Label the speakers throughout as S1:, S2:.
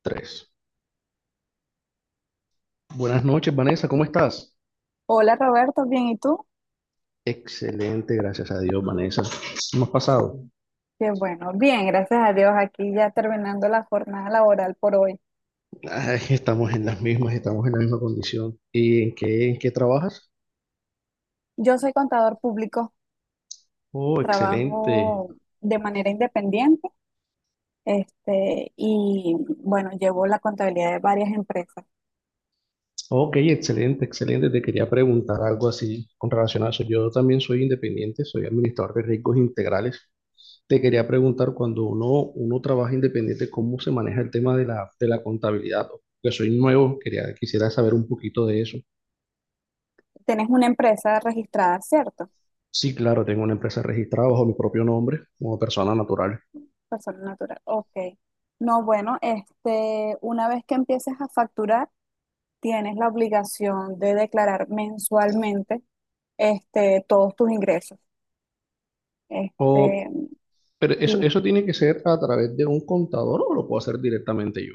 S1: Tres. Buenas noches, Vanessa, ¿cómo estás?
S2: Hola Roberto, bien, ¿y tú?
S1: Excelente, gracias a Dios, Vanessa. ¿Cómo has pasado?
S2: Qué bueno, bien, gracias a Dios, aquí ya terminando la jornada laboral por hoy.
S1: Ay, estamos en las mismas, estamos en la misma condición. ¿Y en qué trabajas?
S2: Yo soy contador público,
S1: Oh, excelente.
S2: trabajo de manera independiente, y bueno, llevo la contabilidad de varias empresas.
S1: Ok, excelente, excelente. Te quería preguntar algo así con relación a eso. Yo también soy independiente, soy administrador de riesgos integrales. Te quería preguntar, cuando uno trabaja independiente, ¿cómo se maneja el tema de la contabilidad? Porque soy nuevo, quisiera saber un poquito de eso.
S2: Tenés una empresa registrada, ¿cierto?
S1: Sí, claro, tengo una empresa registrada bajo mi propio nombre como persona natural.
S2: Persona natural, ok. No, bueno, una vez que empieces a facturar, tienes la obligación de declarar mensualmente, todos tus ingresos.
S1: O,
S2: Este,
S1: pero eso,
S2: sí.
S1: eso tiene que ser a través de un contador o lo puedo hacer directamente yo.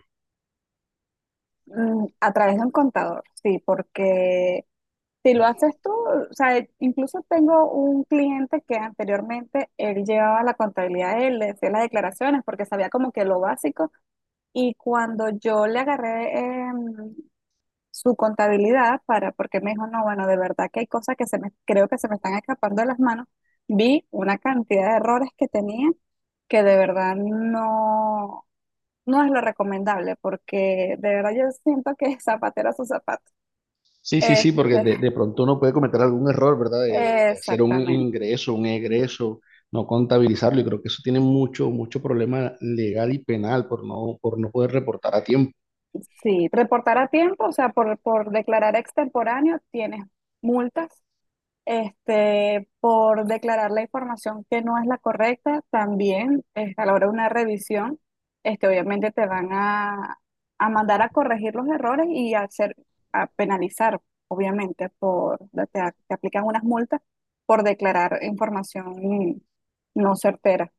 S2: A través de un contador, sí, porque si lo haces tú, o sea, incluso tengo un cliente que anteriormente él llevaba la contabilidad, él le hacía las declaraciones porque sabía como que lo básico y cuando yo le agarré su contabilidad para, porque me dijo, no, bueno, de verdad que hay cosas que se me, creo que se me están escapando de las manos, vi una cantidad de errores que tenía que de verdad no, no es lo recomendable porque de verdad yo siento que es zapatero a su zapato.
S1: Sí, sí, sí,
S2: Este,
S1: porque de pronto uno puede cometer algún error, ¿verdad? De hacer un
S2: Exactamente.
S1: ingreso, un egreso, no contabilizarlo. Y creo que eso tiene mucho, mucho problema legal y penal por no poder reportar a tiempo.
S2: Sí, reportar a tiempo, o sea, por declarar extemporáneo tienes multas por declarar la información que no es la correcta, también a la hora de una revisión, obviamente te van a mandar a corregir los errores y a, hacer, a penalizar, obviamente, te, te aplican unas multas por declarar información no certera.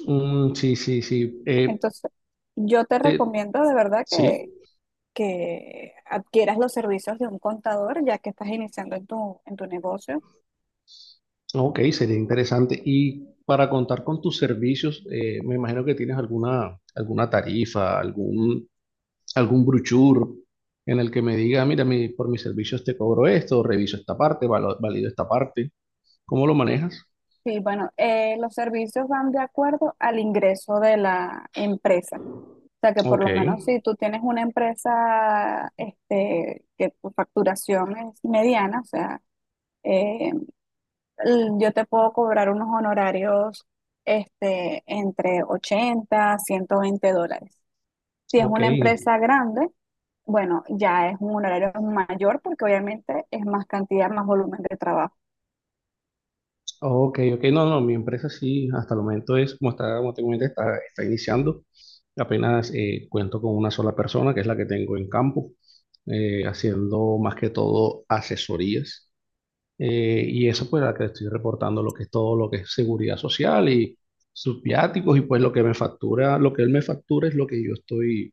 S1: Mm, sí, sí, sí.
S2: Entonces, yo te
S1: Te-
S2: recomiendo de verdad que,
S1: sí.
S2: que adquieras los servicios de un contador ya que estás iniciando en tu negocio.
S1: Ok, sería interesante. Y para contar con tus servicios, me imagino que tienes alguna tarifa, algún brochure en el que me diga, mira, por mis servicios te cobro esto, reviso esta parte, valido esta parte. ¿Cómo lo manejas?
S2: Sí, bueno, los servicios van de acuerdo al ingreso de la empresa. O sea que por
S1: Ok,
S2: lo menos si tú tienes una empresa que tu facturación es mediana, o sea, eh, yo te puedo cobrar unos honorarios entre $80, $120. Si es
S1: ok,
S2: una empresa grande, bueno, ya es un honorario mayor porque obviamente es más cantidad, más volumen de trabajo.
S1: ok, ok. No, no, mi empresa sí, hasta el momento es, como está, como te comenté, está iniciando. Apenas cuento con una sola persona, que es la que tengo en campo, haciendo más que todo asesorías. Y eso pues la que estoy reportando lo que es todo lo que es seguridad social y sus viáticos, y pues lo que me factura, lo que él me factura, es lo que yo estoy,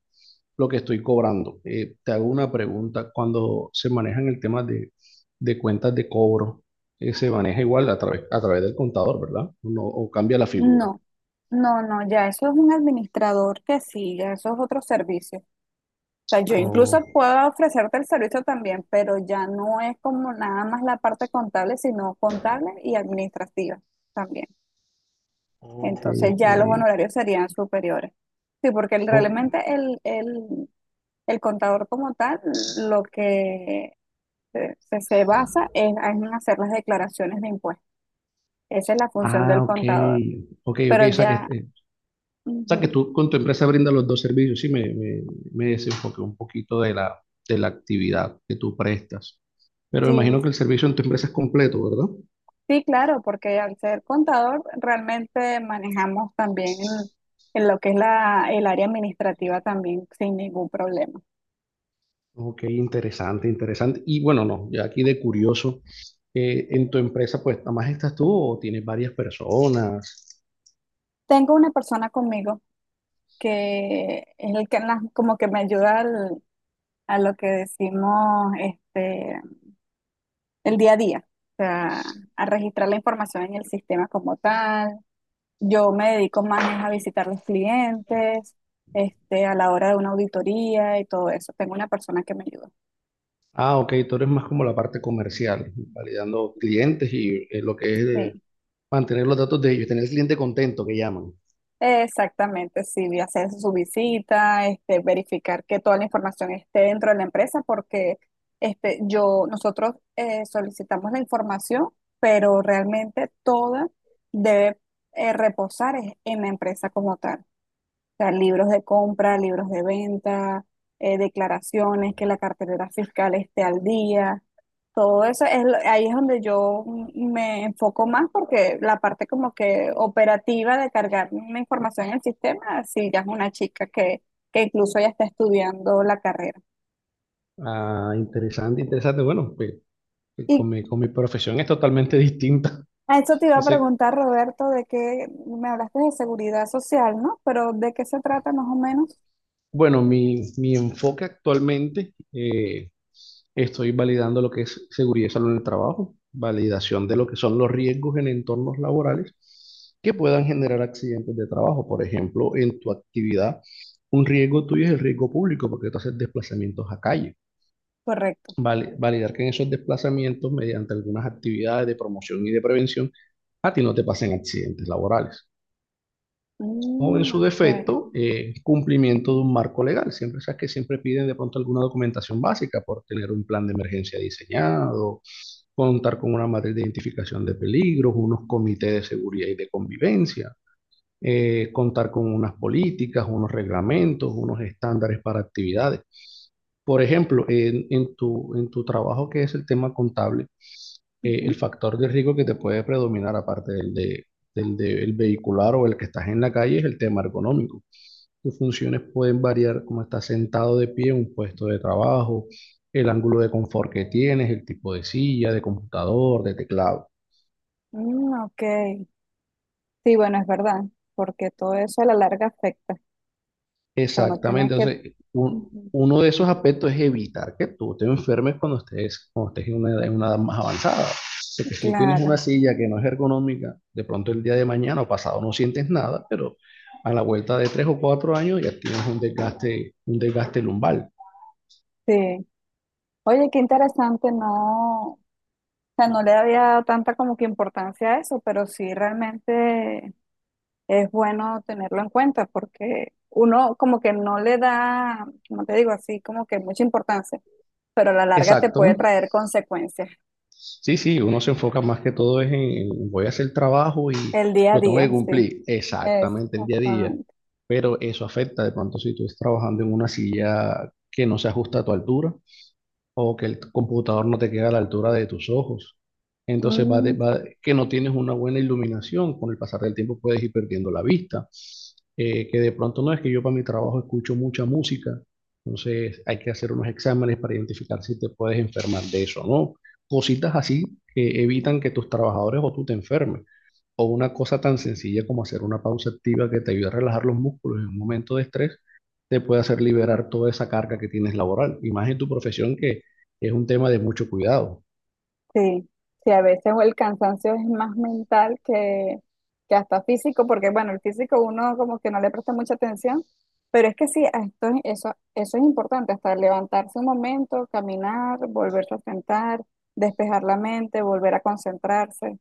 S1: lo que estoy cobrando. Te hago una pregunta, cuando se manejan el tema de cuentas de cobro, se maneja igual a través del contador, ¿verdad? ¿O no? ¿O cambia la figura?
S2: No, no, no, ya eso es un administrador que sí, ya eso es otro servicio. O sea, yo
S1: O-
S2: incluso puedo ofrecerte el servicio también, pero ya no es como nada más la parte contable, sino contable y administrativa también.
S1: Oh, sí,
S2: Entonces ya
S1: ok.
S2: los honorarios serían superiores. Sí, porque
S1: Oh,
S2: realmente el contador como tal lo que se basa es en hacer las declaraciones de impuestos. Esa es la función
S1: ah,
S2: del
S1: ok,
S2: contador.
S1: ok, ok,
S2: Pero
S1: o sea
S2: ya.
S1: que, o sea, que
S2: Ujú.
S1: tú con tu empresa brindas los dos servicios. Sí, me desenfoqué un poquito de la actividad que tú prestas. Pero me
S2: Sí,
S1: imagino que el servicio en tu empresa es completo, ¿verdad?
S2: sí, claro, porque al ser contador realmente manejamos también en lo que es el área administrativa también sin ningún problema.
S1: Ok, interesante, interesante. Y bueno, no, ya aquí de curioso, en tu empresa, pues, ¿nada más estás tú o tienes varias personas?
S2: Tengo una persona conmigo que es el que como que me ayuda a lo que decimos el día a día, o sea, a registrar la información en el sistema como tal. Yo me dedico más es a visitar los clientes, a la hora de una auditoría y todo eso. Tengo una persona que me ayuda.
S1: Ah, ok, tú eres más como la parte comercial, validando clientes y lo que es de
S2: Sí.
S1: mantener los datos de ellos, tener el cliente contento que llaman.
S2: Exactamente, sí, de hacer su visita, verificar que toda la información esté dentro de la empresa, porque yo, nosotros solicitamos la información, pero realmente toda debe reposar en la empresa como tal sea, libros de compra, libros de venta, declaraciones, que la cartera fiscal esté al día. Todo eso es, ahí es donde yo me enfoco más porque la parte como que operativa de cargar una información en el sistema, sí, ya es una chica que incluso ya está estudiando la carrera.
S1: Ah, interesante, interesante. Bueno, pues, que
S2: Y
S1: con mi profesión es totalmente distinta.
S2: a eso te iba a
S1: Entonces,
S2: preguntar, Roberto, de que me hablaste de seguridad social, ¿no? Pero ¿de qué se trata más o menos?
S1: bueno, mi enfoque actualmente, estoy validando lo que es seguridad y salud en el trabajo, validación de lo que son los riesgos en entornos laborales que puedan generar accidentes de trabajo. Por ejemplo, en tu actividad, un riesgo tuyo es el riesgo público porque tú haces desplazamientos a calle.
S2: Correcto.
S1: Vale, validar que en esos desplazamientos, mediante algunas actividades de promoción y de prevención, a ti no te pasen accidentes laborales. O en
S2: Mm,
S1: su
S2: ok.
S1: defecto, cumplimiento de un marco legal. Siempre sabes que siempre piden de pronto alguna documentación básica por tener un plan de emergencia diseñado, contar con una matriz de identificación de peligros, unos comités de seguridad y de convivencia, contar con unas políticas, unos reglamentos, unos estándares para actividades. Por ejemplo, en tu trabajo que es el tema contable, el
S2: Ujú.
S1: factor de riesgo que te puede predominar, aparte del el vehicular o el que estás en la calle, es el tema ergonómico. Tus funciones pueden variar como estás sentado de pie en un puesto de trabajo, el ángulo de confort que tienes, el tipo de silla, de computador, de teclado.
S2: Mm, ok. Sí, bueno, es verdad, porque todo eso a la larga afecta. O sea, uno tiene
S1: Exactamente,
S2: que.
S1: entonces
S2: Ujú.
S1: uno de esos aspectos es evitar que tú te enfermes cuando estés en una edad más avanzada. Porque si tú tienes una
S2: Claro,
S1: silla que no es ergonómica, de pronto el día de mañana o pasado no sientes nada, pero a la vuelta de 3 o 4 años ya tienes un desgaste lumbar.
S2: sí. Oye, qué interesante, no, o sea, no le había dado tanta como que importancia a eso, pero sí realmente es bueno tenerlo en cuenta, porque uno como que no le da, como te digo, así como que mucha importancia, pero a la larga te
S1: Exacto.
S2: puede traer consecuencias
S1: Sí, sí, uno se enfoca más que todo es en voy a hacer trabajo y
S2: el día a
S1: lo tengo
S2: día,
S1: que
S2: sí.
S1: cumplir exactamente el día a día,
S2: Exactamente.
S1: pero eso afecta de pronto si tú estás trabajando en una silla que no se ajusta a tu altura, o que el computador no te queda a la altura de tus ojos. Entonces
S2: Mm,
S1: que no tienes una buena iluminación, con el pasar del tiempo puedes ir perdiendo la vista. Que de pronto no es que yo para mi trabajo escucho mucha música, entonces hay que hacer unos exámenes para identificar si te puedes enfermar de eso, ¿no? Cositas así que evitan que tus trabajadores o tú te enfermes. O una cosa tan sencilla como hacer una pausa activa que te ayude a relajar los músculos en un momento de estrés, te puede hacer liberar toda esa carga que tienes laboral. Y más en tu profesión que es un tema de mucho cuidado.
S2: Sí, sí, a veces el cansancio es más mental que hasta físico, porque bueno, el físico uno como que no le presta mucha atención, pero es que sí, a esto, eso es importante, hasta levantarse un momento, caminar, volverse a sentar, despejar la mente, volver a concentrarse.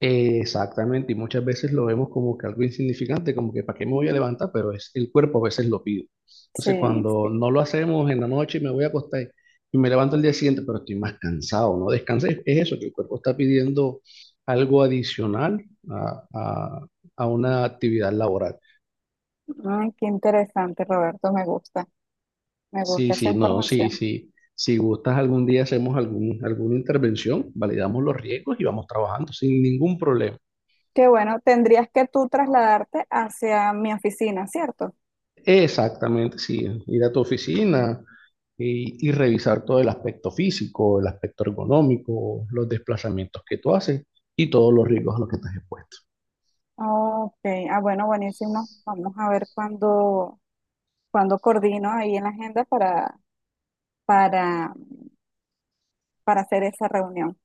S1: Exactamente, y muchas veces lo vemos como que algo insignificante, como que para qué me voy a
S2: Mm,
S1: levantar, pero es el cuerpo a veces lo pide. Entonces,
S2: sí,
S1: cuando
S2: sí.
S1: no lo hacemos en la noche, me voy a acostar y me levanto el día siguiente, pero estoy más cansado, ¿no? Descansé, es eso, que el cuerpo está pidiendo algo adicional a, a- a una actividad laboral.
S2: Ay, qué interesante, Roberto, me
S1: Sí,
S2: gusta esa
S1: sí, no, sí,
S2: información.
S1: sí. Si gustas, algún día hacemos alguna intervención, validamos los riesgos y vamos trabajando sin ningún problema.
S2: Qué bueno, tendrías que tú trasladarte hacia mi oficina, ¿cierto?
S1: Exactamente, sí. Ir a tu oficina y revisar todo el aspecto físico, el aspecto ergonómico, los desplazamientos que tú haces y todos los riesgos a los que estás expuesto.
S2: Ok, ah, bueno, buenísimo. Vamos a ver cuándo coordino ahí en la agenda para, para hacer esa reunión.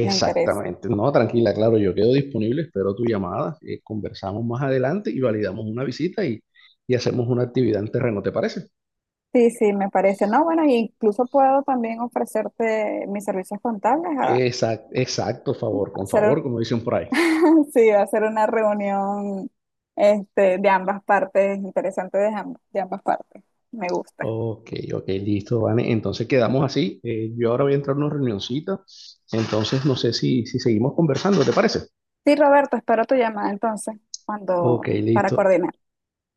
S2: Me interesa.
S1: No, tranquila, claro, yo quedo disponible, espero tu llamada, conversamos más adelante y validamos una visita y hacemos una actividad en terreno, ¿te parece?
S2: Sí, sí, me parece. No, bueno, incluso puedo también ofrecerte mis servicios contables a,
S1: Exacto, exacto, favor, con
S2: hacer
S1: favor,
S2: un-
S1: como dicen por ahí.
S2: sí, a hacer una reunión de ambas partes, interesante de ambas partes. Me gusta.
S1: Ok, ok, listo, Vane. Entonces quedamos así. Yo ahora voy a entrar a una reunioncita. Entonces no sé si seguimos conversando, ¿te parece?
S2: Sí, Roberto, espero tu llamada entonces
S1: Ok,
S2: cuando para
S1: listo,
S2: coordinar.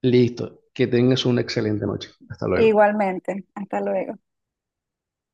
S1: listo. Que tengas una excelente noche. Hasta luego.
S2: Igualmente, hasta luego.